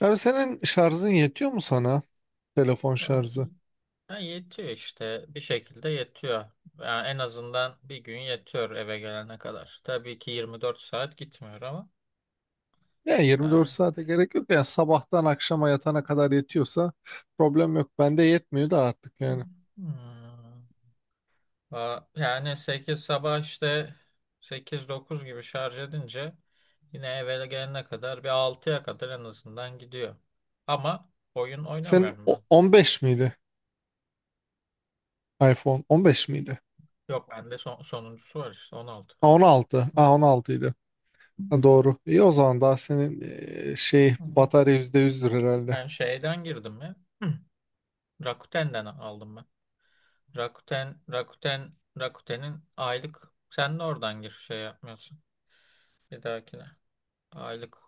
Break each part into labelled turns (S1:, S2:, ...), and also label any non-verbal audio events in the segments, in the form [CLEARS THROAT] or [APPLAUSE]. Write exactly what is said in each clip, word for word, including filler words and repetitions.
S1: Abi, senin şarjın yetiyor mu sana? Telefon şarjı.
S2: Ha, yetiyor işte bir şekilde yetiyor. Yani en azından bir gün yetiyor eve gelene kadar. Tabii ki yirmi dört saat gitmiyor ama.
S1: Yani
S2: Yani.
S1: yirmi dört saate gerek yok. Yani sabahtan akşama yatana kadar yetiyorsa problem yok. Bende yetmiyor da artık yani.
S2: Hmm. Va- yani sekiz sabah işte sekiz dokuz gibi şarj edince yine eve gelene kadar bir altıya kadar en azından gidiyor. Ama oyun
S1: Senin
S2: oynamıyorum ben.
S1: o- on beş miydi? iPhone on beş miydi?
S2: Yok bende son, sonuncusu var işte on altı.
S1: Ha, on altı. Ha, on altı idi. Ha, doğru. İyi o zaman daha senin e, şey
S2: Hı.
S1: batarya yüzde yüzdür herhalde.
S2: Ben şeyden girdim ya. Rakuten'den aldım. Rakuten, Rakuten, Rakuten'in aylık sen de oradan gir şey yapmıyorsun. Bir dahakine. Aylık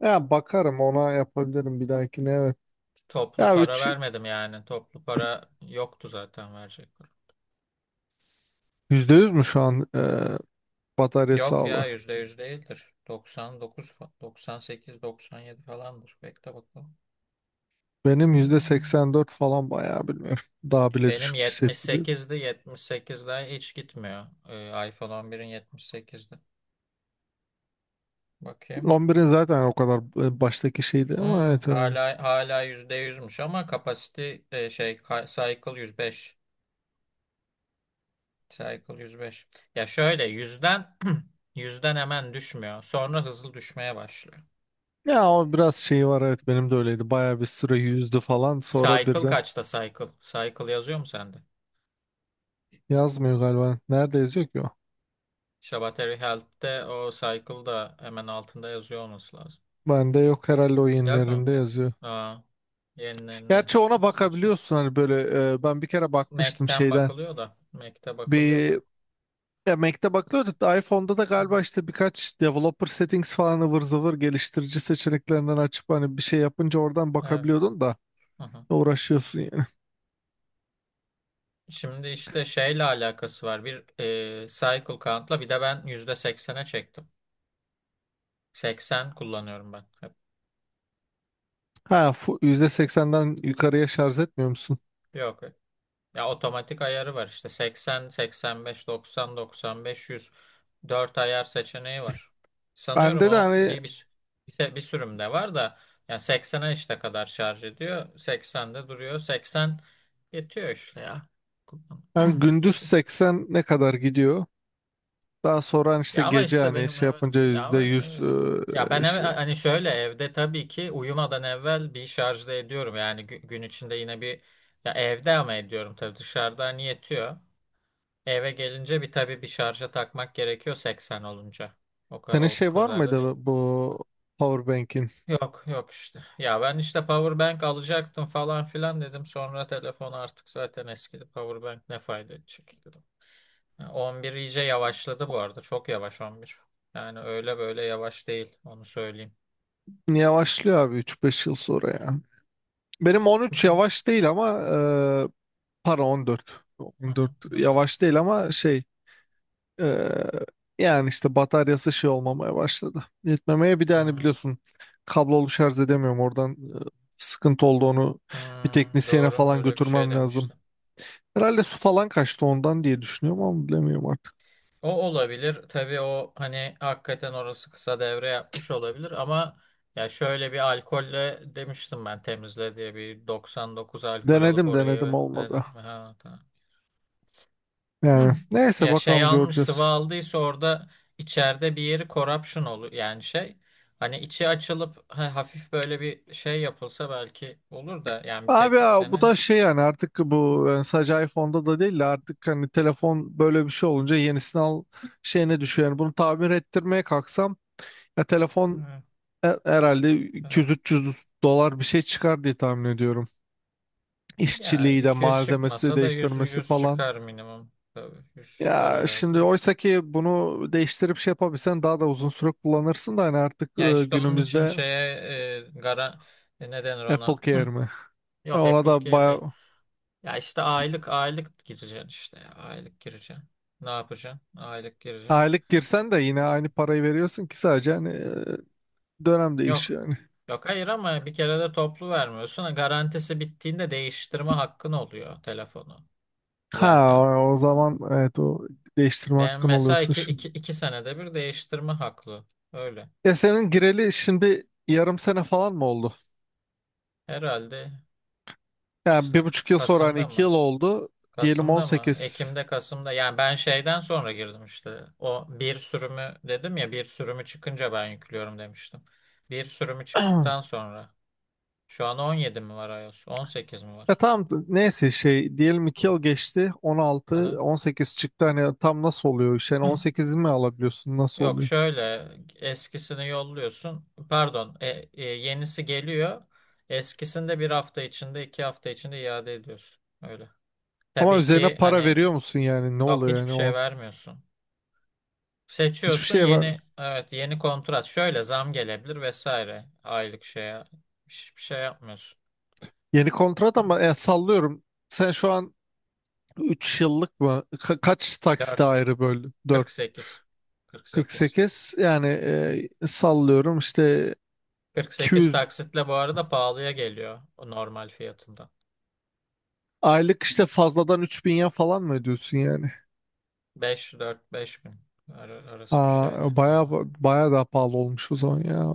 S1: Ya bakarım ona, yapabilirim bir dahakine, evet.
S2: toplu
S1: Ya
S2: para
S1: üç
S2: vermedim yani. Toplu para yoktu zaten verecek para.
S1: yüzde yüz mü şu an e, batarya
S2: Yok ya
S1: sağlığı?
S2: yüzde yüz değildir. doksan dokuz, fa- doksan sekiz, doksan yedi falandır. Bekle bakalım.
S1: Benim yüzde
S2: Hmm.
S1: seksen dört falan, bayağı bilmiyorum. Daha bile
S2: Benim
S1: düşük hissettiriyor.
S2: yetmiş sekizdi. yetmiş sekizden hiç gitmiyor. Ee, iPhone on birin yetmiş sekizdi. Bakayım.
S1: on birin zaten o kadar e, baştaki şeydi ama
S2: Hmm,
S1: evet. Evet.
S2: hala hala yüzde yüzmüş ama kapasite e, şey ka- cycle yüz beş. Cycle yüz beş. Ya şöyle yüzden [CLEARS THROAT] yüzden hemen düşmüyor. Sonra hızlı düşmeye başlıyor.
S1: Ya o biraz şeyi var, evet, benim de öyleydi. Bayağı bir süre yüzdü falan sonra
S2: Cycle
S1: birden
S2: kaçta cycle? Cycle yazıyor mu sende?
S1: yazmıyor galiba. Nerede yazıyor ki o?
S2: İşte Battery Health'te o cycle da hemen altında yazıyor olması lazım.
S1: Bende yok, herhalde o
S2: Yok mu?
S1: yenilerinde yazıyor.
S2: Aa, yenilerinde.
S1: Gerçi ona
S2: Saçma.
S1: bakabiliyorsun hani, böyle e, ben bir kere bakmıştım
S2: Mac'ten
S1: şeyden.
S2: bakılıyor da. Mac'te bakılıyor da.
S1: Bir Ya, Mac'te bakılıyordu da iPhone'da da galiba işte birkaç developer settings falan, ıvır zıvır geliştirici seçeneklerinden açıp hani bir şey yapınca oradan
S2: Evet.
S1: bakabiliyordun da.
S2: Hı hı.
S1: Uğraşıyorsun yani.
S2: Şimdi işte şeyle alakası var. Bir e, cycle count'la bir de ben yüzde seksene çektim. Seksen kullanıyorum ben. Hep.
S1: Ha, fu- yüzde seksenden yukarıya şarj etmiyor musun?
S2: Yok. Ya otomatik ayarı var işte seksen, seksen beş, doksan, doksan beş, yüz dört ayar seçeneği var. Sanıyorum
S1: Bende de
S2: o
S1: hani,
S2: bir, bir, bir, bir sürümde var da yani seksene işte kadar şarj ediyor. seksende duruyor. seksen yetiyor işte ya. Kullan-
S1: hani gündüz
S2: Yetiyor.
S1: seksen ne kadar gidiyor? Daha sonra hani işte
S2: Ya ama
S1: gece
S2: işte
S1: hani
S2: benim
S1: şey
S2: evet
S1: yapınca
S2: ya ama
S1: yüzde yüz
S2: evet. Ya ben
S1: eee,
S2: eve,
S1: şey.
S2: hani şöyle evde tabii ki uyumadan evvel bir şarjda ediyorum. Yani gü- gün içinde yine bir ya evde ama ediyorum tabii dışarıda hani yetiyor. Eve gelince bir tabii bir şarja takmak gerekiyor seksen olunca. O, ka-
S1: Senin
S2: o, o
S1: şey var
S2: kadar da değil.
S1: mıydı, bu powerbank'in?
S2: Yok yok işte. Ya ben işte power bank alacaktım falan filan dedim. Sonra telefon artık zaten eskidi. Power bank ne fayda edecek dedim. Ya on bir iyice yavaşladı bu arada. Çok yavaş on bir. Yani öyle böyle yavaş değil. Onu söyleyeyim.
S1: Yavaşlıyor abi, üç beş yıl sonra ya. Benim
S2: Hı hı.
S1: on üç yavaş değil ama eee para on dört.
S2: Hı
S1: on dört
S2: hı. Ben de öyle.
S1: yavaş değil ama şey. Ee, Yani işte bataryası şey olmamaya başladı. Yetmemeye, bir de hani
S2: Hı
S1: biliyorsun, kablolu şarj edemiyorum oradan e, sıkıntı oldu, onu
S2: hı.
S1: bir teknisyene
S2: Doğru
S1: falan
S2: öyle bir şey
S1: götürmem lazım.
S2: demiştim.
S1: Herhalde su falan kaçtı ondan, diye düşünüyorum ama bilemiyorum artık.
S2: O olabilir. Tabii o hani hakikaten orası kısa devre yapmış olabilir ama ya şöyle bir alkolle demiştim ben temizle diye bir doksan dokuz alkol alıp
S1: Denedim
S2: orayı
S1: denedim,
S2: ve dedin
S1: olmadı.
S2: mi? Ha, tamam.
S1: Yani
S2: [CLEARS THROAT]
S1: neyse,
S2: Ya şey
S1: bakalım,
S2: almış sıvı
S1: göreceğiz.
S2: aldıysa orada içeride bir yeri corruption olur yani şey hani içi açılıp ha- hafif böyle bir şey yapılsa belki olur da yani bir
S1: Abi ya, bu
S2: teknisyene.
S1: da şey yani, artık bu yani sadece iPhone'da da değil de artık hani telefon böyle bir şey olunca yenisini al şeyine düşüyor. Yani bunu tamir ettirmeye kalksam ya telefon...
S2: Evet,
S1: Her- Herhalde
S2: evet.
S1: iki yüz üç yüz dolar bir şey çıkar diye tahmin ediyorum.
S2: Ya
S1: İşçiliği de
S2: iki yüz
S1: malzemesi
S2: çıkmasa da yüz
S1: değiştirmesi
S2: yüz
S1: falan.
S2: çıkar minimum. Tabii yüz çıkar
S1: Ya şimdi,
S2: herhalde.
S1: oysa ki bunu değiştirip şey yapabilsen daha da uzun süre kullanırsın da hani artık
S2: Ya
S1: e,
S2: işte onun için
S1: günümüzde...
S2: şeye e, gara e, ne denir
S1: Apple
S2: ona? Hı.
S1: Care mi? E,
S2: Yok
S1: Ona
S2: Apple
S1: da
S2: Care değil.
S1: bayağı...
S2: Ya işte aylık aylık gireceksin işte ya. Aylık gireceksin. Ne yapacaksın? Aylık gireceksin.
S1: Aylık girsen de yine aynı parayı veriyorsun ki, sadece hani e, dönem
S2: Yok.
S1: değişiyor yani.
S2: Yok hayır ama bir kere de toplu vermiyorsun. E, Garantisi bittiğinde değiştirme hakkın oluyor telefonu
S1: Ha,
S2: zaten.
S1: o, o zaman evet, o değiştirme
S2: Ben
S1: hakkın
S2: mesela
S1: oluyorsun
S2: iki,
S1: şimdi.
S2: iki, iki senede bir değiştirme haklı. Öyle.
S1: Ya senin gireli şimdi yarım sene falan mı oldu?
S2: Herhalde
S1: Yani
S2: işte
S1: bir buçuk yıl sonra hani
S2: Kasım'da
S1: iki
S2: mı?
S1: yıl oldu. Diyelim
S2: Kasım'da mı?
S1: on sekiz.
S2: Ekim'de Kasım'da. Yani ben şeyden sonra girdim işte. O bir sürümü dedim ya bir sürümü çıkınca ben yüklüyorum demiştim. Bir sürümü çıktıktan
S1: [CLEARS THROAT]
S2: sonra. Şu an on yedi mi var iOS? On sekiz mi
S1: Ya
S2: var?
S1: tamam, neyse şey diyelim iki yıl geçti. on altı,
S2: Aha.
S1: on sekiz çıktı. Hani tam nasıl oluyor iş? Yani
S2: [LAUGHS] Hıh.
S1: on sekiz mi alabiliyorsun? Nasıl
S2: Yok
S1: oluyor?
S2: şöyle eskisini yolluyorsun. Pardon, e, e, yenisi geliyor. Eskisini de bir hafta içinde, iki hafta içinde iade ediyorsun. Öyle.
S1: Ama
S2: Tabii
S1: üzerine
S2: ki
S1: para
S2: hani
S1: veriyor musun yani? Ne
S2: yok
S1: oluyor
S2: hiçbir
S1: yani?
S2: şey
S1: On...
S2: vermiyorsun.
S1: Hiçbir
S2: Seçiyorsun
S1: şey var.
S2: yeni evet yeni kontrat. Şöyle zam gelebilir vesaire. Aylık şeye hiçbir şey yapmıyorsun.
S1: Yeni kontrat ama e, sallıyorum. Sen şu an üç yıllık mı? Ka- kaç taksite
S2: Dört,
S1: ayrı böldün?
S2: kırk
S1: dört.
S2: sekiz, kırk sekiz,
S1: kırk sekiz yani e, sallıyorum işte,
S2: kırk sekiz
S1: iki yüz
S2: taksitle bu arada pahalıya geliyor o normal fiyatından.
S1: aylık işte fazladan üç bin ya falan mı ödüyorsun yani?
S2: Beş, dört, beş bin Ar- arası bir
S1: Aa,
S2: şeydi.
S1: baya
S2: Ha,
S1: baya daha pahalı olmuş o zaman ya.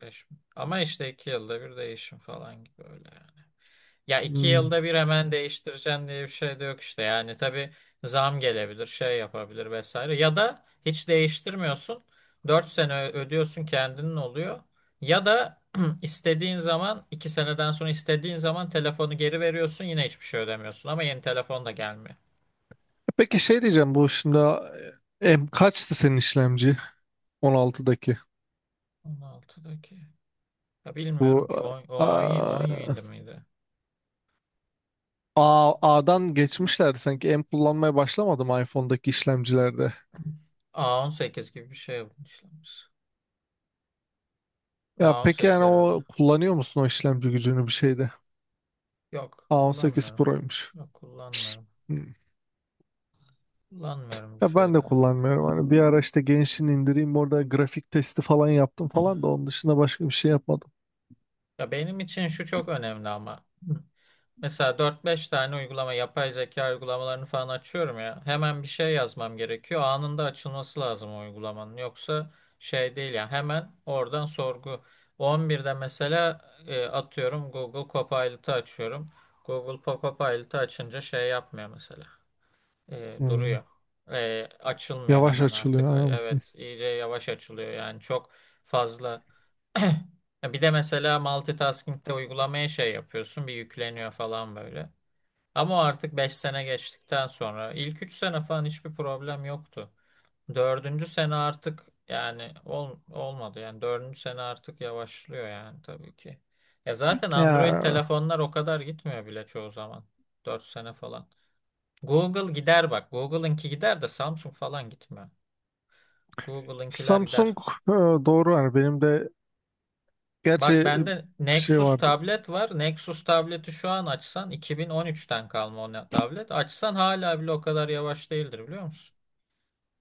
S2: beş bin. Ama işte iki yılda bir değişim falan gibi öyle. Yani. Ya iki
S1: Hmm.
S2: yılda bir hemen değiştireceğim diye bir şey de yok işte. Yani tabii zam gelebilir, şey yapabilir vesaire. Ya da hiç değiştirmiyorsun. Dört sene ö- ödüyorsun kendinin oluyor. Ya da [CLEARS THROAT] istediğin zaman iki seneden sonra istediğin zaman telefonu geri veriyorsun yine hiçbir şey ödemiyorsun. Ama yeni telefon da gelmiyor.
S1: Peki şey diyeceğim, bu şimdi e, M kaçtı senin işlemci on altıdaki?
S2: on altıdaki. Ya
S1: Bu
S2: bilmiyorum ki on- o
S1: a,
S2: on yönünde miydi?
S1: A, A'dan geçmişlerdi sanki. M kullanmaya başlamadım iPhone'daki işlemcilerde.
S2: A on sekiz gibi bir şey işlemiş. a
S1: Ya
S2: on
S1: peki
S2: sekiz
S1: yani,
S2: herhalde.
S1: o kullanıyor musun o işlemci gücünü bir şeyde?
S2: Yok
S1: A on sekiz
S2: kullanmıyorum.
S1: Pro'ymuş.
S2: Yok kullanmıyorum.
S1: Hmm.
S2: Kullanmıyorum bu
S1: Ya ben de
S2: şeyde.
S1: kullanmıyorum.
S2: Ha.
S1: Hani bir ara işte Genshin indireyim, orada grafik testi falan yaptım falan da, onun dışında başka bir şey yapmadım.
S2: Ya benim için şu çok önemli ama. Hı. Mesela dört beş tane uygulama, yapay zeka uygulamalarını falan açıyorum ya. Hemen bir şey yazmam gerekiyor. Anında açılması lazım o uygulamanın. Yoksa şey değil ya. Hemen oradan sorgu. on birde mesela e, atıyorum Google Copilot'ı açıyorum. Google Copilot'ı açınca şey yapmıyor mesela. E,
S1: Hmm.
S2: duruyor. E, açılmıyor
S1: Yavaş
S2: hemen artık.
S1: açılıyor. Ha.
S2: Evet, iyice yavaş açılıyor. Yani çok fazla. [CLEARS THROAT] Bir de mesela multitasking'de uygulamaya şey yapıyorsun, bir yükleniyor falan böyle. Ama o artık beş sene geçtikten sonra ilk üç sene falan hiçbir problem yoktu. Dördüncü sene artık yani ol, olmadı. Yani dördüncü sene artık yavaşlıyor yani tabii ki. Ya zaten Android
S1: Ya
S2: telefonlar o kadar gitmiyor bile çoğu zaman. Dört sene falan. Google gider bak. Google'ınki gider de Samsung falan gitmiyor. Google'ınkiler
S1: Samsung
S2: gider.
S1: e, doğru, yani benim de
S2: Bak
S1: gerçi
S2: bende
S1: bir şey
S2: Nexus
S1: vardı.
S2: tablet var. Nexus tableti şu an açsan iki bin on üçten kalma o ne- tablet. Açsan hala bile o kadar yavaş değildir biliyor musun?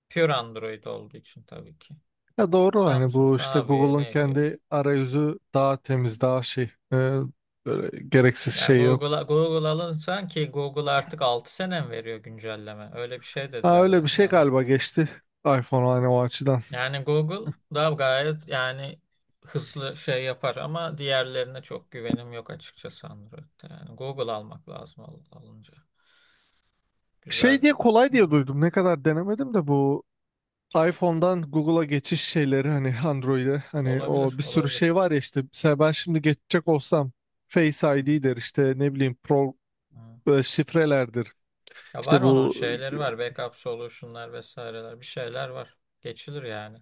S2: Pure Android olduğu için tabii ki.
S1: Ya doğru, hani
S2: Samsung
S1: bu
S2: ne
S1: işte
S2: yapıyor
S1: Google'un
S2: ne ediyor?
S1: kendi arayüzü daha temiz, daha şey e, böyle gereksiz
S2: Yani
S1: şey yok.
S2: Google'a Google alınsan ki Google artık altı sene mi veriyor güncelleme? Öyle bir şey
S1: Ha,
S2: dediler de
S1: öyle bir şey
S2: yanlış.
S1: galiba geçti iPhone, hani o açıdan.
S2: Yani Google da gayet yani hızlı şey yapar ama diğerlerine çok güvenim yok açıkçası Android'de. Yani Google almak lazım al- alınca.
S1: Şey
S2: Güzel.
S1: diye, kolay diye duydum. Ne kadar denemedim de bu iPhone'dan Google'a geçiş şeyleri hani Android'e, hani
S2: Olabilir,
S1: o bir sürü
S2: olabilir.
S1: şey var ya, işte mesela ben şimdi geçecek olsam Face
S2: Hı hı.
S1: I D der, işte ne bileyim pro,
S2: Hı.
S1: e, şifrelerdir.
S2: Ya var
S1: İşte
S2: onun
S1: bu
S2: şeyleri var. Backup solution'lar vesaireler. Bir şeyler var. Geçilir yani.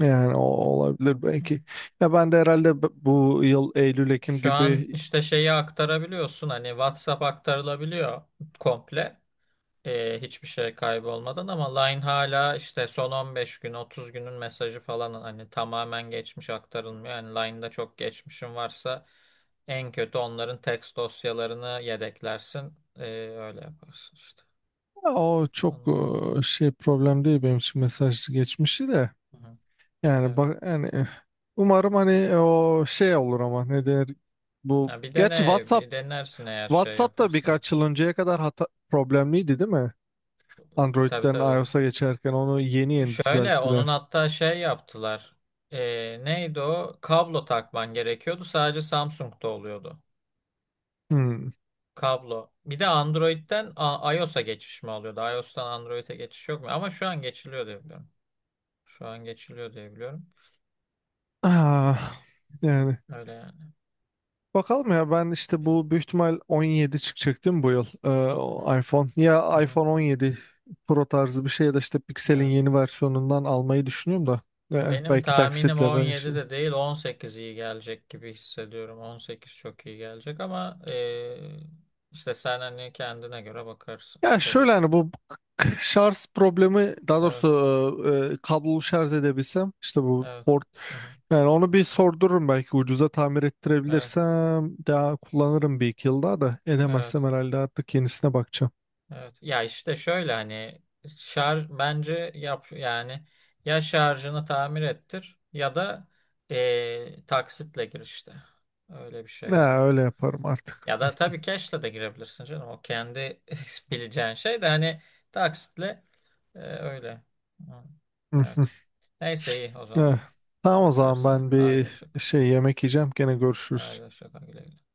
S1: yani, o olabilir
S2: Hı.
S1: belki. Ya ben de herhalde b- bu yıl Eylül Ekim
S2: Şu an
S1: gibi...
S2: işte şeyi aktarabiliyorsun. Hani WhatsApp aktarılabiliyor komple, e, hiçbir şey kaybolmadan ama Line hala işte son on beş gün otuz günün mesajı falan hani tamamen geçmiş aktarılmıyor. Yani Line'da çok geçmişin varsa en kötü onların text dosyalarını yedeklersin. E, öyle yaparsın işte.
S1: Ya o çok
S2: Onun-
S1: e, şey problem değil benim için, mesaj geçmişi de.
S2: Hı hı.
S1: Yani
S2: Evet.
S1: bak yani, eh, umarım hani e, o şey olur ama ne der bu,
S2: Ha, bir
S1: gerçi
S2: dene,
S1: WhatsApp...
S2: bir denersin eğer şey
S1: WhatsApp da
S2: yaparsa.
S1: birkaç yıl önceye kadar hata, problemliydi değil mi?
S2: Tabii
S1: Android'den
S2: tabii.
S1: iOS'a geçerken onu yeni yeni
S2: Şöyle
S1: düzelttiler.
S2: onun hatta şey yaptılar. E, neydi o? Kablo takman gerekiyordu. Sadece Samsung'da oluyordu.
S1: Hmm.
S2: Kablo. Bir de Android'den A- iOS'a geçiş mi oluyordu? iOS'tan Android'e geçiş yok mu? Ama şu an geçiliyor diye biliyorum. Şu an geçiliyor diye biliyorum.
S1: Ah, yani.
S2: Öyle yani.
S1: Bakalım ya, ben işte
S2: Evet.
S1: bu büyük ihtimal on yedi çıkacak değil mi bu yıl? Ee,
S2: Aha,
S1: o iPhone ya,
S2: aha.
S1: iPhone on yedi Pro tarzı bir şey ya da işte Pixel'in
S2: Evet.
S1: yeni versiyonundan almayı düşünüyorum da... Ee,
S2: Benim
S1: belki
S2: tahminim
S1: taksitle ben
S2: on yedi
S1: şey.
S2: de değil on sekiz iyi gelecek gibi hissediyorum. on sekiz çok iyi gelecek ama eee, işte sen hani kendine göre bakarsın
S1: Ya
S2: tabii.
S1: şöyle, hani bu k- şarj problemi, daha
S2: Evet,
S1: doğrusu e, e, kablolu şarj edebilsem işte bu
S2: evet.
S1: port,
S2: Aha,
S1: yani onu bir sordururum, belki ucuza tamir
S2: evet,
S1: ettirebilirsem daha kullanırım bir iki yıl daha, da edemezsem
S2: evet.
S1: herhalde artık yenisine bakacağım.
S2: Evet. Ya işte şöyle hani şarj bence yap yani ya şarjını tamir ettir ya da eee, taksitle gir işte. Öyle bir şey yap.
S1: Ya öyle yaparım artık.
S2: Ya da tabii cash'le de girebilirsin canım. O kendi [LAUGHS] bileceğin şey de hani taksitle eee, öyle. Hı. Evet.
S1: [LAUGHS]
S2: Neyse iyi o
S1: Eh,
S2: zaman.
S1: Tamam o zaman,
S2: Bakarsın.
S1: ben
S2: Haydi
S1: bir
S2: hoşça kal.
S1: şey yemek yiyeceğim. Gene görüşürüz.
S2: Haydi hoşça kal. Güle güle.